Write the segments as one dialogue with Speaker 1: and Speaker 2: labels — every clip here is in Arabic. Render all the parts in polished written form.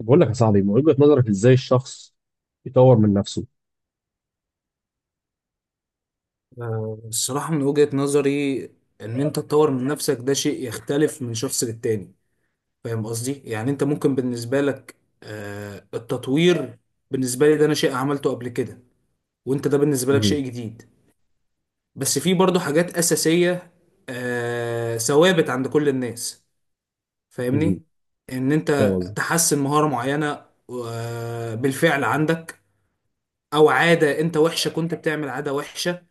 Speaker 1: بقول لك يا صاحبي، من وجهة نظرك ازاي الشخص يطور من نفسه؟
Speaker 2: الصراحة من وجهة نظري، إن أنت تطور من نفسك ده شيء يختلف من شخص للتاني. فاهم قصدي؟ يعني أنت ممكن بالنسبة لك التطوير. بالنسبة لي ده أنا شيء عملته قبل كده، وأنت ده بالنسبة لك
Speaker 1: مهم.
Speaker 2: شيء جديد. بس في برضه حاجات أساسية، ثوابت عند كل الناس.
Speaker 1: مهم.
Speaker 2: فاهمني؟ إن
Speaker 1: فاهم
Speaker 2: أنت
Speaker 1: قصدي.
Speaker 2: تحسن مهارة معينة بالفعل عندك، أو عادة أنت وحشة، كنت بتعمل عادة وحشة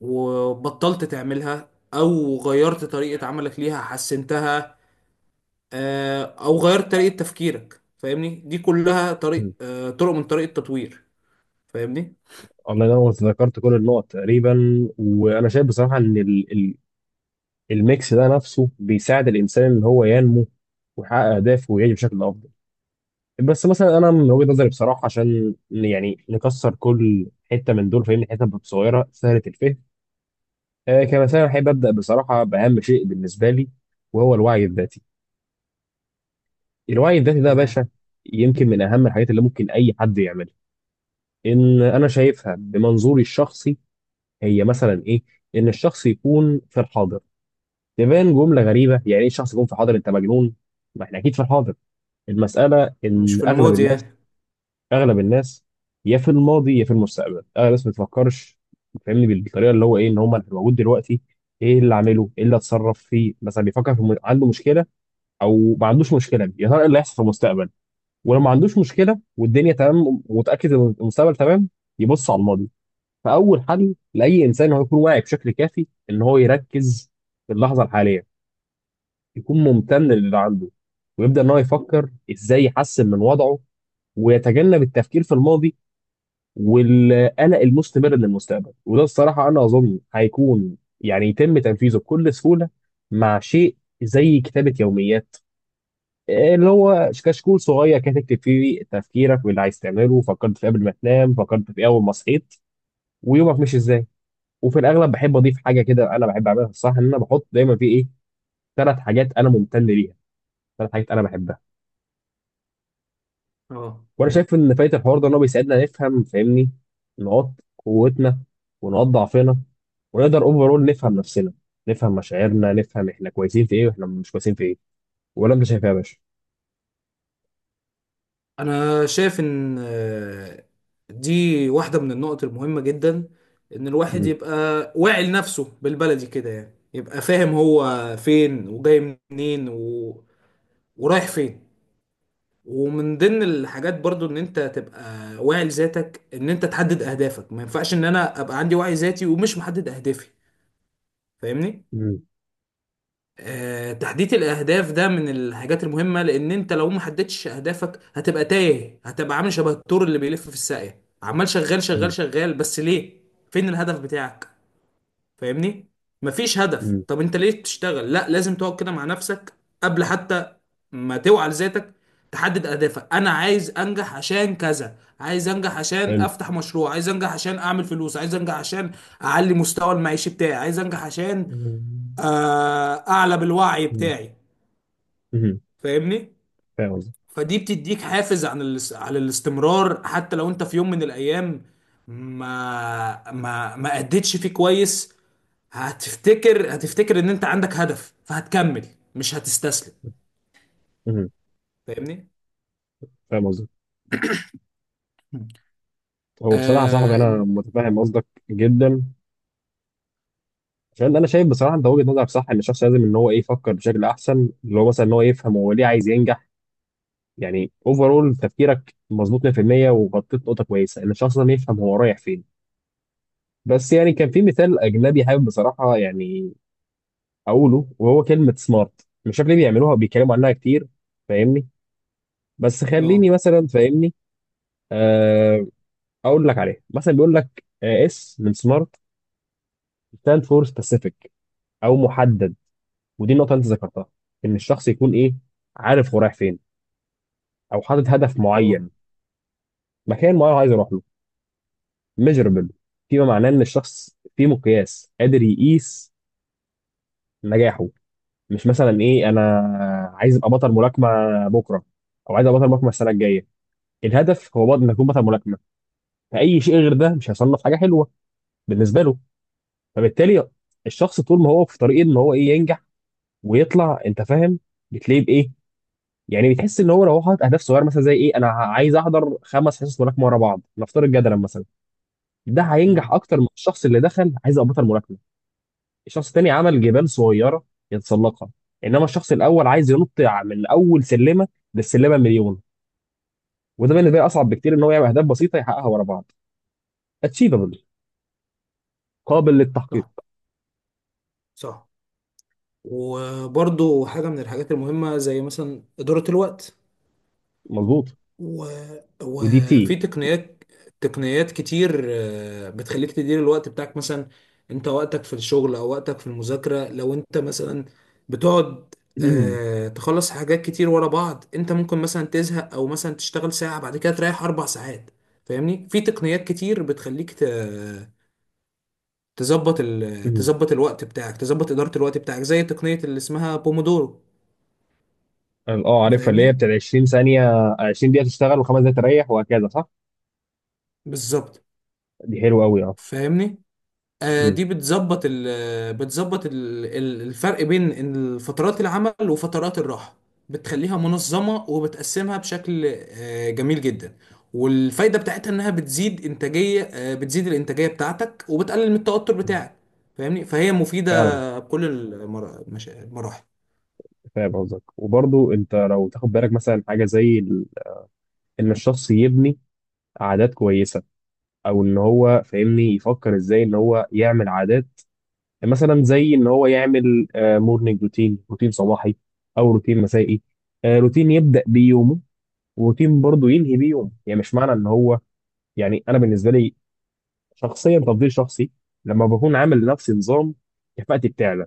Speaker 2: وبطلت تعملها او غيرت طريقة عملك ليها حسنتها، او غيرت طريقة تفكيرك. فاهمني؟ دي كلها
Speaker 1: مهم.
Speaker 2: طريق، طرق من طريق التطوير. فاهمني؟
Speaker 1: الله ينور، ذكرت كل النقط تقريبا. وانا شايف بصراحة ان ال الميكس ده نفسه بيساعد الانسان ان هو ينمو ويحقق اهدافه ويعيش بشكل افضل. بس مثلا انا من وجهة نظري بصراحة، عشان يعني نكسر كل حتة من دول، فاهمني، حتة بتبقى صغيرة سهلة الفهم. كمثلا احب ابدا بصراحة باهم شيء بالنسبة لي، وهو الوعي الذاتي. الوعي الذاتي ده يا باشا
Speaker 2: تمام.
Speaker 1: يمكن من اهم الحاجات اللي ممكن اي حد يعملها. ان انا شايفها بمنظوري الشخصي، هي مثلا ايه؟ ان الشخص يكون في الحاضر. تبان جمله غريبه، يعني ايه الشخص يكون في الحاضر، انت مجنون؟ ما احنا اكيد في الحاضر. المساله
Speaker 2: مش
Speaker 1: ان
Speaker 2: في
Speaker 1: اغلب
Speaker 2: الماضي
Speaker 1: الناس،
Speaker 2: يعني.
Speaker 1: اغلب الناس، يا في الماضي يا في المستقبل. اغلب الناس ما بتفكرش، فاهمني، بالطريقه اللي هو ايه، ان هم انا موجود دلوقتي، ايه اللي اعمله، ايه اللي اتصرف فيه. مثلا بيفكر في عنده مشكله او ما عندوش مشكله، يا ترى ايه اللي هيحصل في المستقبل. ولو ما عندوش مشكله والدنيا تمام ومتاكد ان المستقبل تمام، يبص على الماضي. فاول حل لاي انسان هو يكون واعي بشكل كافي ان هو يركز في اللحظه الحاليه، يكون ممتن للي عنده، ويبدا ان هو يفكر ازاي يحسن من وضعه، ويتجنب التفكير في الماضي والقلق المستمر للمستقبل. وده الصراحه انا اظن هيكون يعني يتم تنفيذه بكل سهوله مع شيء زي كتابه يوميات، اللي هو كشكول صغير كده تكتب فيه تفكيرك واللي عايز تعمله، فكرت في قبل ما تنام، فكرت في اول ما صحيت، ويومك مش ازاي. وفي الاغلب بحب اضيف حاجه كده انا بحب اعملها الصراحه، ان انا بحط دايما في ايه، 3 حاجات انا ممتن ليها، 3 حاجات انا بحبها.
Speaker 2: اه،
Speaker 1: وانا شايف ان فايت الحوار ده ان هو بيساعدنا نفهم، فاهمني، نقاط قوتنا ونقاط ضعفنا، ونقدر اوفرول نفهم نفسنا، نفهم مشاعرنا، نفهم احنا كويسين في ايه واحنا مش كويسين في ايه. ولا انت شايف إيه يا باشا؟
Speaker 2: انا شايف ان دي واحدة من النقط المهمة جدا، ان الواحد
Speaker 1: مم.
Speaker 2: يبقى واعي لنفسه، بالبلدي كده يعني يبقى فاهم هو فين وجاي منين ورايح فين. ومن ضمن الحاجات برضو ان انت تبقى واعي لذاتك، ان انت تحدد اهدافك. ما ينفعش ان انا ابقى عندي وعي ذاتي ومش محدد اهدافي، فاهمني؟
Speaker 1: مم.
Speaker 2: آه، تحديد الاهداف ده من الحاجات المهمة، لان انت لو ما حددتش اهدافك هتبقى تايه، هتبقى عامل شبه الثور اللي بيلف في الساقية، عمال شغال شغال
Speaker 1: مم.
Speaker 2: شغال، بس ليه؟ فين الهدف بتاعك؟ فاهمني؟ مفيش هدف.
Speaker 1: مم.
Speaker 2: طب انت ليه بتشتغل؟ لا، لازم تقعد كده مع نفسك قبل حتى ما توعى لذاتك، تحدد اهدافك. انا عايز انجح عشان كذا، عايز انجح عشان
Speaker 1: حلو.
Speaker 2: افتح مشروع، عايز انجح عشان اعمل فلوس، عايز انجح عشان اعلي مستوى المعيشي بتاعي، عايز انجح عشان
Speaker 1: مم.
Speaker 2: اعلى بالوعي بتاعي.
Speaker 1: مم.
Speaker 2: فاهمني؟
Speaker 1: فاهم قصدك.
Speaker 2: فدي بتديك حافز على الاستمرار، حتى لو انت في يوم من الايام ما اديتش فيه كويس، هتفتكر، هتفتكر ان انت عندك هدف فهتكمل، مش هتستسلم.
Speaker 1: مم.
Speaker 2: فاهمني؟
Speaker 1: فاهم قصدك.
Speaker 2: مم.
Speaker 1: هو بصراحه يا صاحبي
Speaker 2: اه.
Speaker 1: انا متفاهم قصدك جدا، عشان انا شايف بصراحه انت وجهه نظرك صح، ان الشخص لازم ان هو ايه يفكر بشكل احسن، اللي هو مثلا ان هو يفهم هو ليه عايز ينجح. يعني اوفرول تفكيرك مظبوط 100%، وغطيت نقطه كويسه ان الشخص ده يفهم هو رايح فين. بس يعني كان في مثال اجنبي حابب بصراحه يعني اقوله، وهو كلمه سمارت. مش عارف ليه بيعملوها بيتكلموا عنها كتير، فاهمني. بس خليني
Speaker 2: اه.
Speaker 1: مثلا، فاهمني، آه، اقول لك عليها. مثلا بيقول لك اس من سمارت stand for specific، او محدد، ودي النقطه اللي انت ذكرتها، ان الشخص يكون ايه، عارف هو رايح فين، او حاطط هدف
Speaker 2: آه.
Speaker 1: معين، مكان معين هو عايز يروح له. ميجربل، فيما معناه ان الشخص في مقياس قادر يقيس نجاحه. مش مثلا ايه انا عايز ابقى بطل ملاكمه بكره، او عايز ابقى بطل ملاكمه السنه الجايه. الهدف هو بطل، انك تكون بطل ملاكمه. فاي شيء غير ده مش هيصنف حاجه حلوه بالنسبه له. فبالتالي الشخص طول ما هو في طريق ان هو ايه ينجح ويطلع، انت فاهم، بتلاقيه بايه، يعني بتحس ان هو لو هو حاطط اهداف صغيره، مثلا زي ايه، انا عايز احضر 5 حصص ملاكمه ورا بعض، نفترض جدلا مثلا، ده هينجح
Speaker 2: مم.
Speaker 1: اكتر من الشخص اللي دخل عايز ابطل الملاكمه. الشخص التاني عمل جبال صغيره يتسلقها، انما الشخص الاول عايز ينط من اول سلمه للسلمه مليون. وده بالنسبه لي اصعب بكتير ان هو يعمل اهداف بسيطه يحققها ورا بعض. اتشيفبل، قابل للتحقيق.
Speaker 2: صح. صح. وبرضو حاجة من الحاجات المهمة زي مثلا إدارة الوقت.
Speaker 1: مظبوط.
Speaker 2: و...
Speaker 1: ودي
Speaker 2: وفي تقنيات كتير بتخليك تدير الوقت بتاعك. مثلا انت وقتك في الشغل او وقتك في المذاكرة، لو انت مثلا بتقعد تخلص حاجات كتير ورا بعض، انت ممكن مثلا تزهق، او مثلا تشتغل ساعة بعد كده تريح اربع ساعات. فاهمني؟ في تقنيات كتير بتخليك تظبط تظبط الوقت بتاعك، تظبط إدارة الوقت بتاعك، زي تقنية اللي اسمها بومودورو.
Speaker 1: اه عارفها، اللي هي
Speaker 2: فاهمني؟
Speaker 1: بتاعت 20 ثانيه، 20 دقيقه تشتغل و5 دقائق تريح وهكذا، صح.
Speaker 2: بالظبط.
Speaker 1: دي حلوه قوي، اه.
Speaker 2: فاهمني؟
Speaker 1: مم.
Speaker 2: دي بتظبط الفرق بين إن فترات العمل وفترات الراحة، بتخليها منظمة وبتقسمها بشكل جميل جدا. والفايدة بتاعتها إنها بتزيد إنتاجية آه، بتزيد الإنتاجية بتاعتك وبتقلل من التوتر بتاعك. فاهمني؟ فهي
Speaker 1: فعلا
Speaker 2: مفيدة بكل المراحل.
Speaker 1: فاهم قصدك. وبرضو انت لو تاخد بالك مثلا حاجه زي ان الشخص يبني عادات كويسه، او ان هو، فاهمني، يفكر ازاي ان هو يعمل عادات، مثلا زي ان هو يعمل مورنينج روتين، روتين صباحي، او روتين مسائي، روتين يبدا بيه يومه، وروتين برضو ينهي بيه يومه. يعني مش معنى ان هو، يعني انا بالنسبه لي شخصيا، تفضيل شخصي، لما بكون عامل لنفسي نظام كفاءتي بتعلى.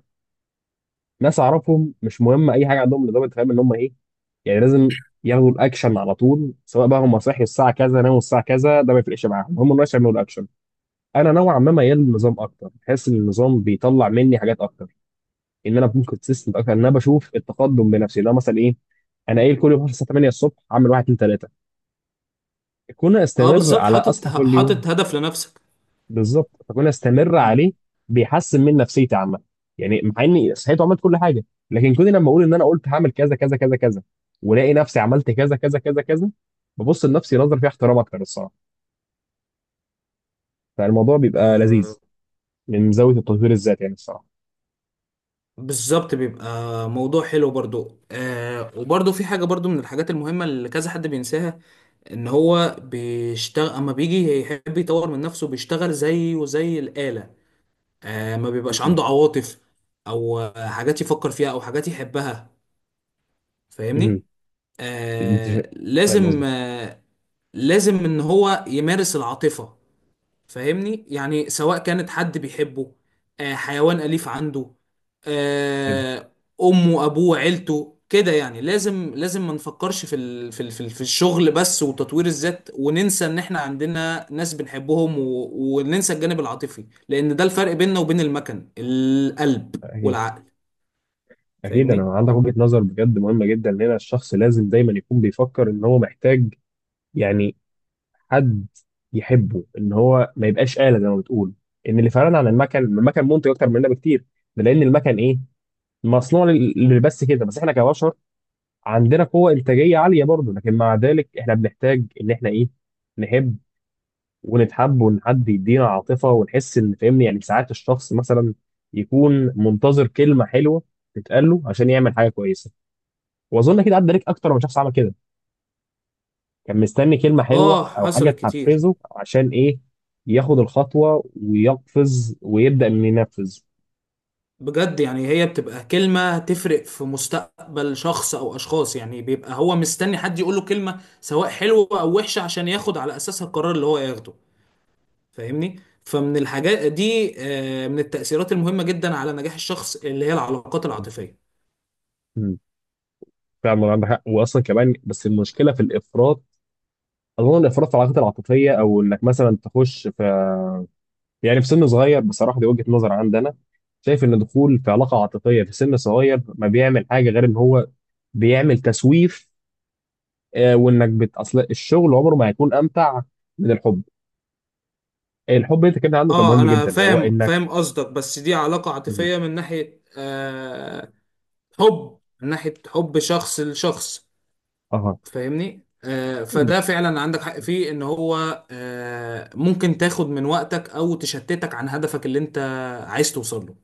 Speaker 1: ناس اعرفهم مش مهم اي حاجه، عندهم نظام انت فاهم ان هم ايه، يعني لازم ياخدوا الاكشن على طول. سواء بقى هم صحي الساعه كذا، ناموا الساعه كذا، ده ما يفرقش معاهم، هم الناس يعملوا الاكشن. انا نوعا ما ميال للنظام اكتر، بحس ان النظام بيطلع مني حاجات اكتر، ان انا ممكن كونسيستنت اكتر، ان انا بشوف التقدم بنفسي، اللي هو مثلا ايه، انا قايل كل يوم هصحى 8 الصبح اعمل 1 2 3، كون
Speaker 2: اه،
Speaker 1: استمر
Speaker 2: بالظبط.
Speaker 1: على
Speaker 2: حاطط
Speaker 1: اصحى كل يوم.
Speaker 2: حاطط هدف لنفسك.
Speaker 1: بالظبط، فكون استمر
Speaker 2: مم.
Speaker 1: عليه بيحسن من نفسيتي عامه. يعني مع اني صحيت وعملت كل حاجه، لكن كوني لما اقول ان انا قلت هعمل كذا كذا كذا كذا، ولاقي نفسي عملت كذا كذا كذا كذا، ببص لنفسي نظره فيها احترام اكتر الصراحه. فالموضوع بيبقى
Speaker 2: آه
Speaker 1: لذيذ من زاويه التطوير الذاتي يعني الصراحه.
Speaker 2: بالظبط بيبقى موضوع حلو برضو. وبرضو في حاجة برضو من الحاجات المهمة اللي كذا حد بينساها، ان هو بيشتغل. اما بيجي يحب يطور من نفسه بيشتغل زيه وزي الآلة، ما بيبقاش
Speaker 1: مهم.
Speaker 2: عنده عواطف او حاجات يفكر فيها او حاجات يحبها.
Speaker 1: مهم.
Speaker 2: فاهمني؟
Speaker 1: انت شا-
Speaker 2: آه
Speaker 1: فاهم
Speaker 2: لازم
Speaker 1: قصدك.
Speaker 2: آه لازم ان هو يمارس العاطفة. فاهمني؟ يعني سواء كانت حد بيحبه، حيوان أليف عنده،
Speaker 1: فاهم.
Speaker 2: آه، أمه أبوه عيلته. كده يعني لازم، لازم ما نفكرش في الشغل بس وتطوير الذات وننسى إن إحنا عندنا ناس بنحبهم، وننسى الجانب العاطفي، لأن ده الفرق بيننا وبين المكن. القلب
Speaker 1: اكيد.
Speaker 2: والعقل.
Speaker 1: اكيد
Speaker 2: فاهمني؟
Speaker 1: انا عندك وجهه نظر بجد مهمه جدا، ان هنا الشخص لازم دايما يكون بيفكر ان هو محتاج، يعني، حد يحبه، ان هو ما يبقاش آلة زي ما بتقول. ان اللي فرقنا عن المكن، المكن منتج اكتر مننا بكتير. ده لان المكن ايه، مصنوع بس كده. بس احنا كبشر عندنا قوة انتاجية عالية برضه، لكن مع ذلك احنا بنحتاج ان احنا ايه، نحب ونتحب، وان حد يدينا عاطفة ونحس ان، فاهمني، يعني ساعات الشخص مثلا يكون منتظر كلمة حلوة تتقال له عشان يعمل حاجة كويسة. واظن كده عدى عليك اكتر من شخص عمل كده، كان مستني كلمة حلوة أو حاجة
Speaker 2: حصلت كتير.
Speaker 1: تحفزه عشان إيه، ياخد الخطوة ويقفز ويبدأ إنه ينفذ.
Speaker 2: بجد، يعني هي بتبقى كلمة تفرق في مستقبل شخص أو أشخاص، يعني بيبقى هو مستني حد يقوله كلمة سواء حلوة أو وحشة عشان ياخد على أساسها القرار اللي هو ياخده. فاهمني؟ فمن الحاجات دي، من التأثيرات المهمة جدا على نجاح الشخص، اللي هي العلاقات
Speaker 1: مم.
Speaker 2: العاطفية.
Speaker 1: مم. فعلا عندك حق. وأصلا كمان بس المشكلة في الإفراط. أظن الإفراط في العلاقات العاطفية، أو إنك مثلا تخش في، يعني في سن صغير، بصراحة دي وجهة نظر عندنا، شايف إن دخول في علاقة عاطفية في سن صغير ما بيعمل حاجة غير إن هو بيعمل تسويف، وإنك أصل الشغل عمره ما هيكون أمتع من الحب. الحب أنت كده عنده كان
Speaker 2: اه،
Speaker 1: مهم
Speaker 2: أنا
Speaker 1: جدا، وهو
Speaker 2: فاهم
Speaker 1: إنك.
Speaker 2: فاهم قصدك، بس دي علاقة
Speaker 1: مم.
Speaker 2: عاطفية من ناحية حب، من ناحية حب شخص لشخص.
Speaker 1: اه.
Speaker 2: فاهمني؟
Speaker 1: مم.
Speaker 2: فده فعلا عندك حق فيه، ان هو ممكن تاخد من وقتك او تشتتك عن هدفك اللي انت عايز توصل له،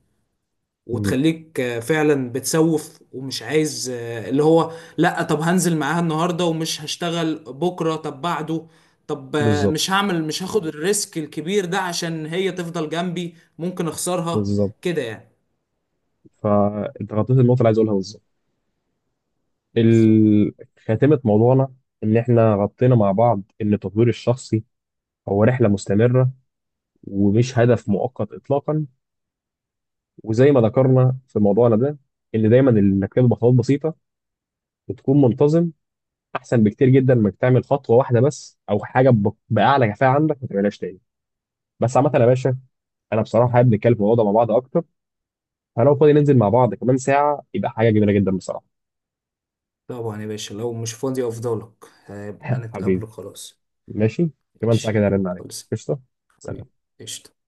Speaker 1: مم.
Speaker 2: وتخليك فعلا بتسوف، ومش عايز اللي هو، لا طب هنزل معاها النهارده ومش هشتغل بكره، طب بعده، طب
Speaker 1: بالظبط.
Speaker 2: مش هاخد الريسك الكبير ده عشان هي تفضل جنبي، ممكن اخسرها.
Speaker 1: بالظبط.
Speaker 2: كده يعني.
Speaker 1: فانت غطيت النقطه اللي عايز اقولها بالظبط.
Speaker 2: بالظبط.
Speaker 1: ال- خاتمه موضوعنا، ان احنا غطينا مع بعض ان التطوير الشخصي هو رحله مستمره ومش هدف مؤقت اطلاقا. وزي ما ذكرنا في موضوعنا ده، ان دايما انك تبدا بخطوات بسيطه وتكون منتظم احسن بكتير جدا من انك تعمل خطوه واحده بس، او حاجه باعلى كفاءه عندك ما تعملهاش تاني. بس عامه يا باشا، انا بصراحه حابب نتكلم في الموضوع ده مع بعض اكتر، فلو فاضي ننزل مع بعض كمان ساعه يبقى حاجه جميله جدا بصراحه.
Speaker 2: طبعا يا باشا. لو مش فاضي افضلك، هيبقى
Speaker 1: حبيبي،
Speaker 2: نتقابل. خلاص.
Speaker 1: ماشي، كمان
Speaker 2: ماشي.
Speaker 1: ساعة كده هرن عليك،
Speaker 2: خلص.
Speaker 1: قشطة. سلام
Speaker 2: طيب. قشطة.